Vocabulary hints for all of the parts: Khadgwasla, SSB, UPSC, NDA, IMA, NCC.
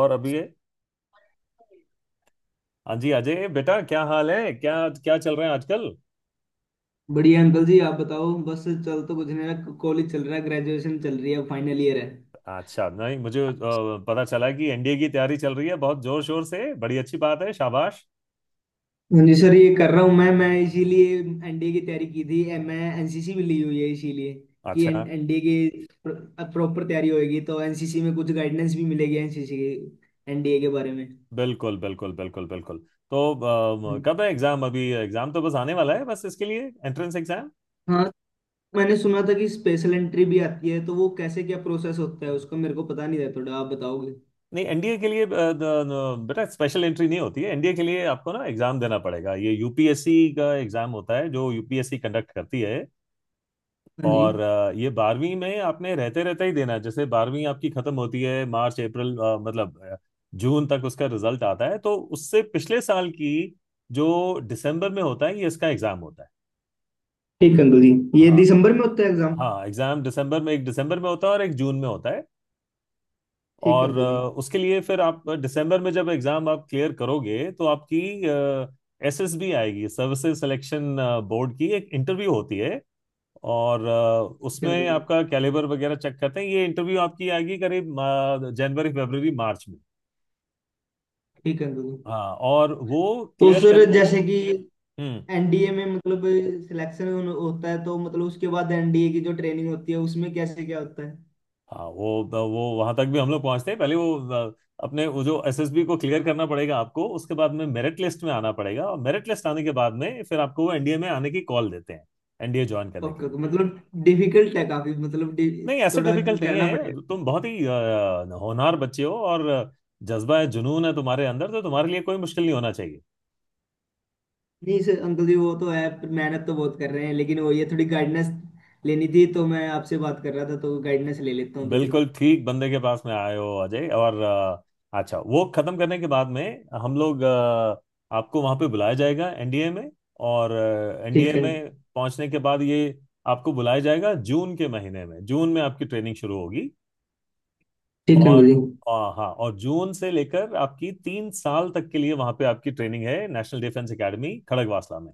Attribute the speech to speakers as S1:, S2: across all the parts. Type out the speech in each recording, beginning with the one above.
S1: और अभी ये, हाँ जी अजय बेटा, क्या हाल है? क्या क्या चल रहा है आजकल?
S2: बढ़िया अंकल जी। आप बताओ। बस चल तो कुछ नहीं रहा, कॉलेज चल रहा है, ग्रेजुएशन चल रही है, फाइनल ईयर है।
S1: अच्छा, नहीं मुझे पता चला कि एनडीए की तैयारी चल रही है, बहुत जोर शोर से। बड़ी अच्छी बात है, शाबाश।
S2: हाँ जी सर, ये कर रहा हूँ। मैं इसीलिए एनडीए की तैयारी की थी। मैं एनसीसी भी ली हुई है, इसीलिए कि
S1: अच्छा।
S2: एनडीए की प्रॉपर तैयारी होगी तो एनसीसी में कुछ गाइडेंस भी मिलेगी, एनसीसी के एनडीए के बारे में।
S1: बिल्कुल बिल्कुल बिल्कुल बिल्कुल। तो
S2: हम्म।
S1: कब है एग्जाम? अभी एग्जाम तो बस आने वाला है, बस इसके लिए एंट्रेंस एग्जाम।
S2: हाँ, मैंने सुना था कि स्पेशल एंट्री भी आती है, तो वो कैसे, क्या प्रोसेस होता है उसका, मेरे को पता नहीं था, थोड़ा आप बताओगे।
S1: नहीं, एनडीए के लिए बेटा स्पेशल एंट्री नहीं होती है एनडीए के लिए। आपको ना एग्जाम देना पड़ेगा, ये यूपीएससी का एग्जाम होता है जो यूपीएससी कंडक्ट करती है।
S2: हाँ जी।
S1: और ये बारहवीं में आपने रहते रहते ही देना है। जैसे बारहवीं आपकी खत्म होती है मार्च अप्रैल मतलब जून तक उसका रिजल्ट आता है, तो उससे पिछले साल की जो दिसंबर में होता है, ये इसका एग्जाम होता है।
S2: ठीक अंकल जी। ये
S1: हाँ।
S2: दिसंबर में होता है एग्जाम?
S1: हाँ एग्जाम दिसंबर में, एक दिसंबर में होता है और एक जून में होता है।
S2: ठीक
S1: और
S2: अंकल जी, ठीक।
S1: उसके लिए फिर आप दिसंबर में जब एग्जाम आप क्लियर करोगे तो आपकी एसएसबी आएगी, सर्विसेज सिलेक्शन बोर्ड की एक इंटरव्यू होती है। और
S2: अंकल
S1: उसमें
S2: जी
S1: आपका कैलिबर वगैरह चेक करते हैं। ये इंटरव्यू आपकी आएगी करीब जनवरी फरवरी मार्च में।
S2: ठीक है अंकल।
S1: हाँ और वो
S2: तो
S1: क्लियर कर।
S2: सर, जैसे कि
S1: हम्म।
S2: एनडीए में मतलब सिलेक्शन होता है, तो मतलब उसके बाद एनडीए की जो ट्रेनिंग होती है उसमें कैसे क्या होता है?
S1: हाँ वो वहां तक भी हम लोग पहुंचते हैं। पहले वो अ, अपने वो जो एसएसबी को क्लियर करना पड़ेगा आपको, उसके बाद में मेरिट लिस्ट में आना पड़ेगा, और मेरिट लिस्ट आने के बाद में फिर आपको वो एनडीए में आने की कॉल देते हैं एनडीए ज्वाइन करने के
S2: ओके
S1: लिए।
S2: ओके, मतलब डिफिकल्ट है काफी, मतलब
S1: नहीं ऐसे
S2: थोड़ा
S1: डिफिकल्ट नहीं
S2: करना
S1: है,
S2: पड़ेगा।
S1: तुम बहुत ही होनहार बच्चे हो और जज्बा है जुनून है तुम्हारे अंदर, तो तुम्हारे लिए कोई मुश्किल नहीं होना चाहिए।
S2: नहीं सर, अंकल जी वो तो है, पर मेहनत तो बहुत कर रहे हैं, लेकिन वो ये थोड़ी गाइडेंस लेनी थी तो मैं आपसे बात कर रहा था, तो गाइडेंस ले लेता हूँ थोड़ी।
S1: बिल्कुल ठीक बंदे के पास में आए हो अजय। और अच्छा वो खत्म करने के बाद में हम लोग आपको वहां पे बुलाया जाएगा एनडीए में। और एनडीए
S2: ठीक है।
S1: में पहुंचने के बाद ये आपको बुलाया जाएगा जून के महीने में। जून में आपकी ट्रेनिंग शुरू होगी।
S2: ठीक है
S1: और
S2: अंकल जी।
S1: अ, हाँ, और जून से लेकर आपकी 3 साल तक के लिए वहां पे आपकी ट्रेनिंग है, नेशनल डिफेंस एकेडमी खड़गवासला में।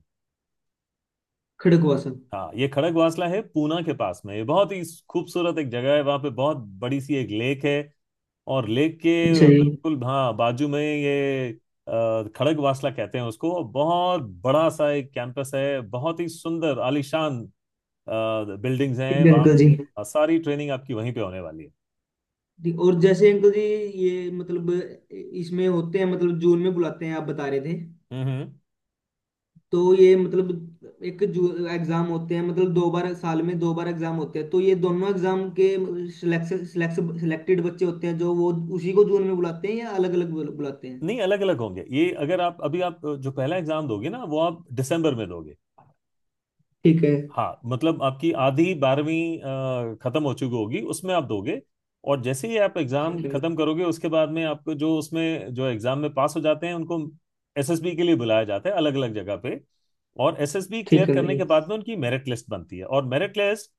S2: खड़क हुआ सर?
S1: हाँ ये खड़गवासला है, पूना के पास में। ये बहुत ही खूबसूरत एक जगह है, वहां पे बहुत बड़ी सी एक लेक है, और
S2: अच्छा
S1: लेके
S2: जी।
S1: बिल्कुल, हाँ, बाजू में ये खड़गवासला कहते हैं उसको। बहुत बड़ा सा एक कैंपस है, बहुत ही सुंदर आलीशान बिल्डिंग्स हैं
S2: ठीक है
S1: वहाँ।
S2: अंकल जी।
S1: सारी ट्रेनिंग आपकी वहीं पे होने वाली है।
S2: जी, और जैसे अंकल जी ये मतलब इसमें होते हैं, मतलब जून में बुलाते हैं आप बता रहे थे,
S1: हम्म।
S2: तो ये मतलब एक जू एग्जाम होते हैं, मतलब दो बार साल में, दो बार एग्जाम होते हैं, तो ये दोनों एग्जाम के सिलेक्टेड बच्चे होते हैं जो वो उसी को जून में बुलाते हैं या अलग अलग बुलाते हैं?
S1: नहीं अलग अलग होंगे, ये अगर आप अभी आप जो पहला एग्जाम दोगे ना, वो आप दिसंबर में दोगे।
S2: ठीक है।
S1: हाँ, मतलब आपकी आधी बारहवीं खत्म हो चुकी होगी उसमें आप दोगे। और जैसे ही आप एग्जाम
S2: ठीक है।
S1: खत्म करोगे उसके बाद में आपको जो उसमें जो एग्जाम में पास हो जाते हैं उनको एसएसबी के लिए बुलाया जाता है अलग अलग जगह पे। और एसएसबी क्लियर
S2: ठीक है अंकल
S1: करने
S2: जी।
S1: के बाद में उनकी मेरिट लिस्ट बनती है, और मेरिट लिस्ट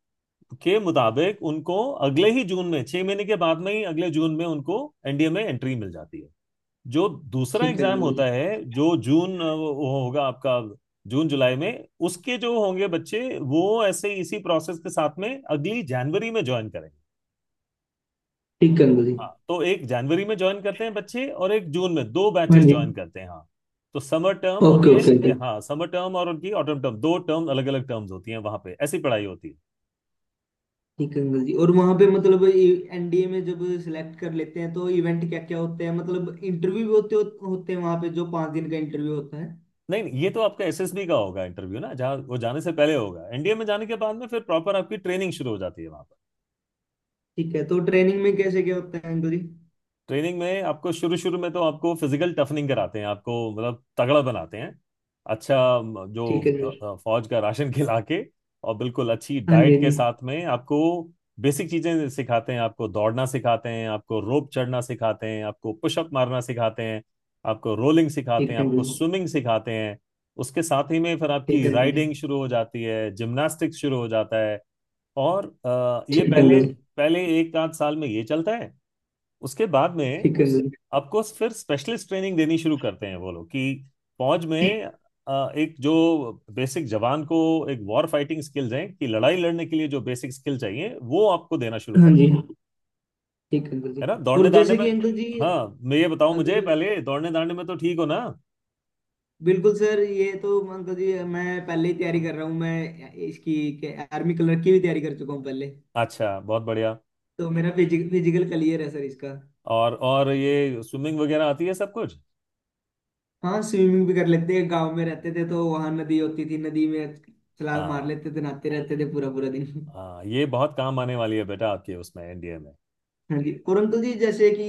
S1: के मुताबिक उनको अगले ही जून में, 6 महीने के बाद में ही अगले जून में, उनको एनडीए में एंट्री मिल जाती है। जो दूसरा
S2: ठीक है
S1: एग्जाम
S2: अंकल जी।
S1: होता है, जो जून वो होगा आपका जून जुलाई में। उसके जो होंगे बच्चे, वो ऐसे इसी प्रोसेस के साथ में अगली जनवरी में ज्वाइन करेंगे।
S2: ठीक है अंकल जी।
S1: हाँ, तो एक जनवरी में ज्वाइन करते हैं बच्चे और एक जून में, दो
S2: हाँ
S1: बैचेस
S2: जी।
S1: ज्वाइन करते हैं, हाँ। तो समर टर्म होती
S2: ओके ओके।
S1: है, हाँ, समर टर्म और उनकी ऑटम टर्म, दो टर्म, अलग अलग टर्म्स होती हैं वहां पे, ऐसी पढ़ाई होती है।
S2: ठीक है अंकल जी। और वहां पे मतलब एनडीए में जब सिलेक्ट कर लेते हैं तो इवेंट क्या क्या होते हैं? मतलब इंटरव्यू भी होते, होते हैं वहां पे जो 5 दिन का इंटरव्यू होता है।
S1: नहीं नहीं, ये तो आपका एसएसबी का होगा इंटरव्यू ना, जहाँ वो जाने से पहले होगा। एनडीए में जाने के बाद में फिर प्रॉपर आपकी ट्रेनिंग शुरू हो जाती है वहां।
S2: ठीक है, तो ट्रेनिंग में कैसे क्या होता है अंकल जी?
S1: ट्रेनिंग में आपको शुरू शुरू में तो आपको फिजिकल टफनिंग कराते हैं, आपको मतलब तगड़ा बनाते हैं। अच्छा,
S2: ठीक है
S1: जो
S2: अंकल जी।
S1: फौज का राशन खिला के और बिल्कुल अच्छी
S2: हाँ जी
S1: डाइट के
S2: जी।
S1: साथ में आपको बेसिक चीजें सिखाते हैं। आपको दौड़ना सिखाते हैं, आपको रोप चढ़ना सिखाते हैं, आपको पुशअप मारना सिखाते हैं, आपको रोलिंग सिखाते
S2: ठीक
S1: हैं,
S2: है अंकल
S1: आपको
S2: जी।
S1: स्विमिंग सिखाते हैं। उसके साथ ही में फिर
S2: ठीक
S1: आपकी
S2: है अंकल जी।
S1: राइडिंग शुरू हो जाती है, जिम्नास्टिक्स शुरू हो जाता है। और ये
S2: ठीक है अंकल
S1: पहले
S2: जी।
S1: पहले एक आध साल में ये चलता है। उसके बाद में
S2: ठीक है अंकल जी।
S1: आपको फिर स्पेशलिस्ट ट्रेनिंग देनी शुरू करते हैं वो लोग, कि फौज में एक जो बेसिक जवान को एक वॉर फाइटिंग स्किल्स हैं, कि लड़ाई लड़ने के लिए जो बेसिक स्किल चाहिए वो आपको देना शुरू
S2: हाँ
S1: कर।
S2: जी। ठीक है अंकल जी।
S1: है ना? दौड़ने
S2: और
S1: दांडे
S2: जैसे
S1: में,
S2: कि अंकल जी,
S1: हाँ, मैं ये बताऊं, मुझे
S2: अगर
S1: पहले दौड़ने दांडे में तो ठीक हो ना?
S2: बिल्कुल सर, ये तो अंकल जी मैं पहले ही तैयारी कर रहा हूँ मैं इसकी। आर्मी कलर की भी तैयारी कर चुका हूँ पहले।
S1: अच्छा, बहुत बढ़िया।
S2: तो मेरा फिजिकल क्लियर है सर इसका।
S1: और ये स्विमिंग वगैरह आती है सब कुछ?
S2: हाँ, स्विमिंग भी कर लेते हैं, गांव में रहते थे तो वहां नदी होती थी, नदी में छलांग मार
S1: हाँ।
S2: लेते थे, नहाते रहते थे पूरा पूरा दिन
S1: हाँ ये बहुत काम आने वाली है बेटा आपके उसमें एनडीए में।
S2: हाँ जी, परंतु जी जैसे कि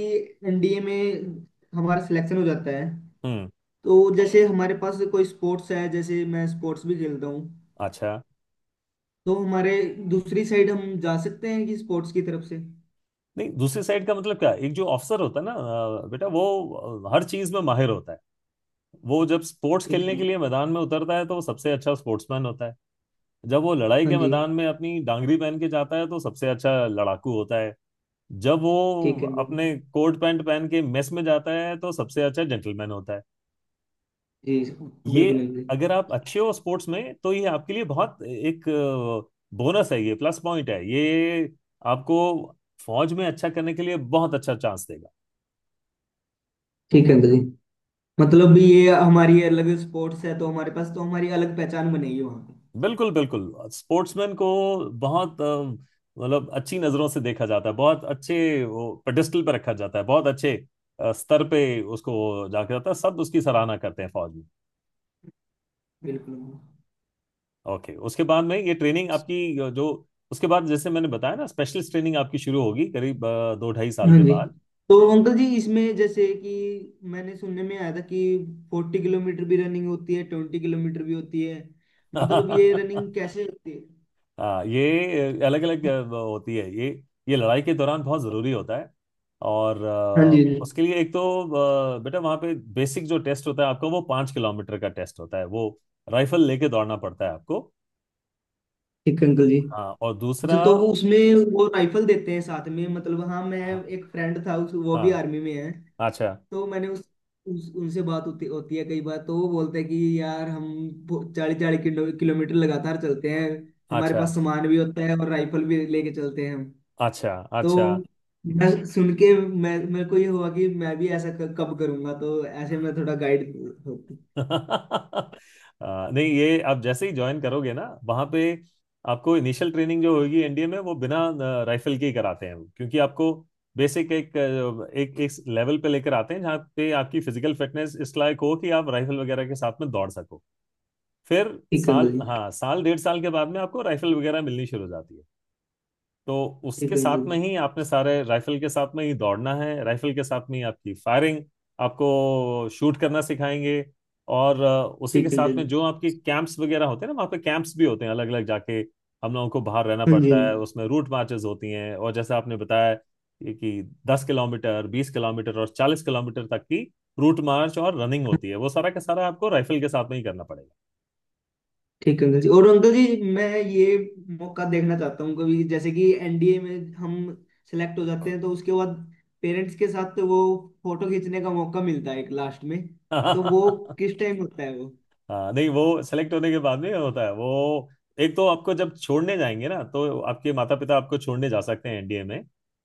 S2: एनडीए में हमारा सिलेक्शन हो जाता है,
S1: हम्म।
S2: तो जैसे हमारे पास कोई स्पोर्ट्स है, जैसे मैं स्पोर्ट्स भी खेलता हूँ,
S1: अच्छा।
S2: तो हमारे दूसरी साइड हम जा सकते हैं कि स्पोर्ट्स की तरफ से?
S1: नहीं, दूसरी साइड का मतलब क्या? एक जो ऑफिसर होता है ना बेटा, वो हर चीज में माहिर होता है। वो जब स्पोर्ट्स
S2: ठीक
S1: खेलने
S2: है।
S1: के लिए मैदान में उतरता है तो वो सबसे अच्छा स्पोर्ट्समैन होता है। जब वो लड़ाई
S2: हाँ
S1: के
S2: जी।
S1: मैदान में अपनी डांगरी पहन के जाता है तो सबसे अच्छा लड़ाकू होता है। जब वो
S2: ठीक है अंकल
S1: अपने कोट पैंट पहन के मेस में जाता है तो सबसे अच्छा जेंटलमैन होता है।
S2: जी। जी
S1: ये,
S2: बिल्कुल अंकल जी।
S1: अगर आप अच्छे हो स्पोर्ट्स में तो ये आपके लिए बहुत एक बोनस है, ये प्लस पॉइंट है ये। आपको फौज में अच्छा करने के लिए बहुत अच्छा चांस देगा।
S2: ठीक है अंकल जी। मतलब ये हमारी अलग स्पोर्ट्स है तो हमारे पास, तो हमारी अलग पहचान बनेगी वहाँ पे।
S1: बिल्कुल बिल्कुल। स्पोर्ट्समैन को बहुत मतलब अच्छी नजरों से देखा जाता है, बहुत अच्छे, वो पेडिस्टल पे रखा जाता है, बहुत अच्छे स्तर पे उसको जाके जाता है, सब उसकी सराहना करते हैं फौज में।
S2: बिल्कुल अंकल।
S1: ओके, उसके बाद में ये ट्रेनिंग आपकी जो उसके बाद जैसे मैंने बताया ना, स्पेशलिस्ट ट्रेनिंग आपकी शुरू होगी करीब दो ढाई साल
S2: हाँ
S1: के
S2: जी।
S1: बाद।
S2: तो अंकल जी, इसमें जैसे कि मैंने सुनने में आया था कि 40 किलोमीटर भी रनिंग होती है, 20 किलोमीटर भी होती है, मतलब ये रनिंग कैसे होती है?
S1: हाँ ये अलग अलग होती है। ये लड़ाई के दौरान बहुत ज़रूरी होता है। और
S2: हाँ जी हाँ जी।
S1: उसके लिए एक तो बेटा वहाँ पे बेसिक जो टेस्ट होता है आपका, वो 5 किलोमीटर का टेस्ट होता है, वो राइफल लेके दौड़ना पड़ता है आपको।
S2: ठीक है अंकल जी।
S1: हाँ और दूसरा।
S2: अच्छा, तो वो उसमें वो राइफल देते हैं साथ में? मतलब हाँ, मैं
S1: हाँ
S2: एक फ्रेंड था उस, वो भी
S1: हाँ,
S2: आर्मी में है,
S1: अच्छा
S2: तो मैंने उस उनसे बात होती होती है कई बार, तो वो बोलते हैं कि यार हम 40-40 किलोमीटर लगातार चलते हैं, हमारे
S1: अच्छा
S2: पास सामान भी होता है और राइफल भी लेके चलते हैं हम।
S1: अच्छा अच्छा।
S2: तो मैं सुन के, मैं मेरे को ये हुआ कि मैं भी ऐसा कब करूंगा, तो ऐसे मैं थोड़ा गाइड।
S1: नहीं ये आप जैसे ही ज्वाइन करोगे ना वहां पे, आपको इनिशियल ट्रेनिंग जो होगी एनडीए में, वो बिना राइफल के ही कराते हैं वो। क्योंकि आपको बेसिक एक एक एक लेवल पे लेकर आते हैं जहाँ पे आपकी फिजिकल फिटनेस इस लायक हो कि आप राइफल वगैरह के साथ में दौड़ सको। फिर
S2: ठीक है अंकल
S1: साल,
S2: जी।
S1: हाँ, साल 1.5 साल के बाद में आपको राइफल वगैरह मिलनी शुरू हो जाती है। तो उसके
S2: ठीक है
S1: साथ
S2: अंकल
S1: में
S2: जी।
S1: ही आपने सारे राइफल के साथ में ही दौड़ना है, राइफल के साथ में ही आपकी फायरिंग, आपको शूट करना सिखाएंगे। और उसी के
S2: ठीक है अंकल
S1: साथ
S2: जी।
S1: में जो आपके कैंप्स वगैरह होते हैं ना, वहाँ पे कैंप्स भी होते हैं, अलग अलग जाके हम लोगों को बाहर रहना
S2: हाँ जी।
S1: पड़ता है। उसमें रूट मार्चेस होती हैं, और जैसे आपने बताया कि 10 किलोमीटर, 20 किलोमीटर और 40 किलोमीटर तक की रूट मार्च और रनिंग होती है, वो सारा का सारा आपको राइफल के साथ में ही करना
S2: ठीक है अंकल जी। और अंकल जी मैं ये मौका देखना चाहता हूँ कभी, जैसे कि एनडीए में हम सेलेक्ट हो जाते हैं तो उसके बाद पेरेंट्स के साथ, तो वो फोटो खींचने का मौका मिलता है एक लास्ट में, तो वो
S1: पड़ेगा।
S2: किस टाइम होता है वो?
S1: हाँ, नहीं वो सेलेक्ट होने के बाद में क्या होता है, वो एक तो आपको जब छोड़ने जाएंगे ना तो आपके माता पिता आपको छोड़ने जा सकते हैं एनडीए में।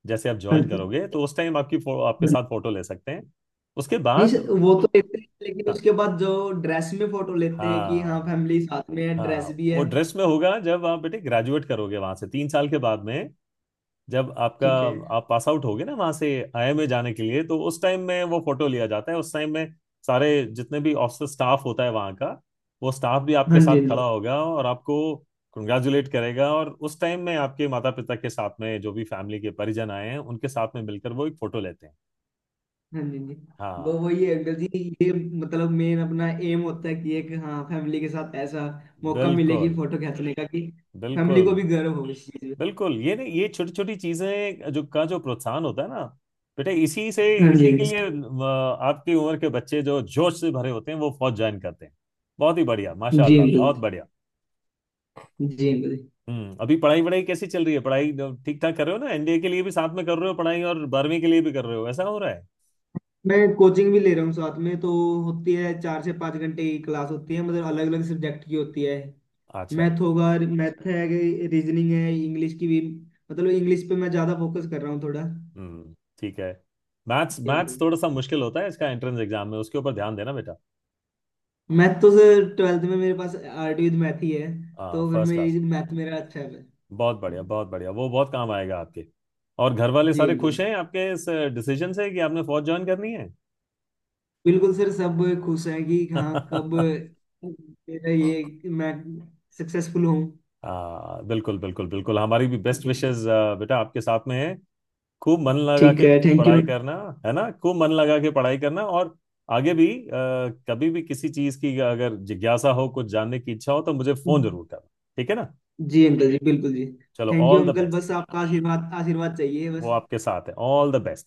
S1: जैसे आप
S2: हाँ
S1: ज्वाइन
S2: जी।
S1: करोगे तो उस टाइम आपकी आपके साथ फोटो ले सकते हैं। उसके
S2: नहीं
S1: बाद
S2: सर, वो तो लेते हैं, लेकिन
S1: हाँ,
S2: उसके बाद जो ड्रेस में फोटो लेते हैं कि हाँ
S1: हाँ,
S2: फैमिली साथ में है, ड्रेस
S1: हाँ,
S2: भी है।
S1: वो ड्रेस में होगा जब आप बेटे ग्रेजुएट करोगे वहां से 3 साल के बाद में। जब आपका,
S2: ठीक है।
S1: आप पास आउट होगे ना वहां से आईएमए जाने के लिए, तो उस टाइम में वो फोटो लिया जाता है। उस टाइम में सारे जितने भी ऑफिसर स्टाफ होता है वहां का, वो स्टाफ भी आपके
S2: हाँ जी
S1: साथ
S2: हाँ
S1: खड़ा
S2: जी।
S1: होगा और आपको कंग्रेचुलेट करेगा, और उस टाइम में आपके माता पिता के साथ में जो भी फैमिली के परिजन आए हैं उनके साथ में मिलकर वो एक फोटो लेते हैं।
S2: हाँ जी जी। वो
S1: हाँ।
S2: वही है अंकल जी, ये मतलब मेन अपना एम होता है कि एक हाँ फैमिली के साथ ऐसा मौका मिले कि
S1: बिल्कुल
S2: फोटो खींचने का, कि फैमिली को
S1: बिल्कुल।
S2: भी गर्व हो इस चीज में।
S1: बिल्कुल, ये नहीं, ये छोटी छोटी चीजें जो का जो प्रोत्साहन होता है ना बेटा, इसी से,
S2: हाँ जी
S1: इसी के
S2: अंकल।
S1: लिए आपकी उम्र के बच्चे जो जोश से भरे होते हैं वो फौज ज्वाइन करते हैं। बहुत ही बढ़िया,
S2: जी
S1: माशाल्लाह,
S2: अंकल
S1: बहुत बढ़िया।
S2: जी। अंकल जी,
S1: हम्म। अभी पढ़ाई वढ़ाई कैसी चल रही है? पढ़ाई ठीक ठाक कर रहे हो ना? एनडीए के लिए भी साथ में कर रहे हो पढ़ाई और बारहवीं के लिए भी कर रहे हो, ऐसा हो रहा है?
S2: मैं कोचिंग भी ले रहा हूँ साथ में, तो होती है, 4 से 5 घंटे की क्लास होती है, मतलब अलग अलग सब्जेक्ट की होती है।
S1: अच्छा।
S2: मैथ होगा, मैथ है, रीजनिंग है, इंग्लिश की भी। मतलब इंग्लिश पे मैं ज्यादा फोकस कर रहा हूँ थोड़ा।
S1: हम्म। ठीक है। मैथ्स
S2: जी
S1: मैथ्स
S2: अंकल।
S1: थोड़ा सा मुश्किल होता है इसका एंट्रेंस एग्जाम में, उसके ऊपर ध्यान देना बेटा।
S2: मैथ तो सर, ट्वेल्थ में मेरे पास आर्ट विद मैथ ही है,
S1: हाँ
S2: तो फिर
S1: फर्स्ट क्लास।
S2: मेरी मैथ मेरा अच्छा है।
S1: बहुत बढ़िया बहुत बढ़िया, वो बहुत काम आएगा आपके। और घर वाले
S2: जी
S1: सारे खुश
S2: बिल्कुल।
S1: हैं आपके इस डिसीजन से कि आपने फौज ज्वाइन करनी है?
S2: बिल्कुल सर, सब खुश हैं कि हाँ, कब मेरा ये मैं सक्सेसफुल हूँ।
S1: हाँ बिल्कुल बिल्कुल बिल्कुल। हमारी भी बेस्ट
S2: जी।
S1: विशेस बेटा आपके साथ में है। खूब मन लगा
S2: ठीक
S1: के
S2: है, थैंक यू।
S1: पढ़ाई करना, है ना, खूब मन लगा के पढ़ाई करना, और आगे भी कभी भी किसी चीज की अगर जिज्ञासा हो, कुछ जानने की इच्छा हो, तो मुझे फोन जरूर करना। ठीक है ना?
S2: जी अंकल जी बिल्कुल जी।
S1: चलो
S2: thank you
S1: all the
S2: uncle,
S1: best.
S2: बस आपका आशीर्वाद, आशीर्वाद चाहिए
S1: वो
S2: बस।
S1: आपके साथ है, ऑल द बेस्ट।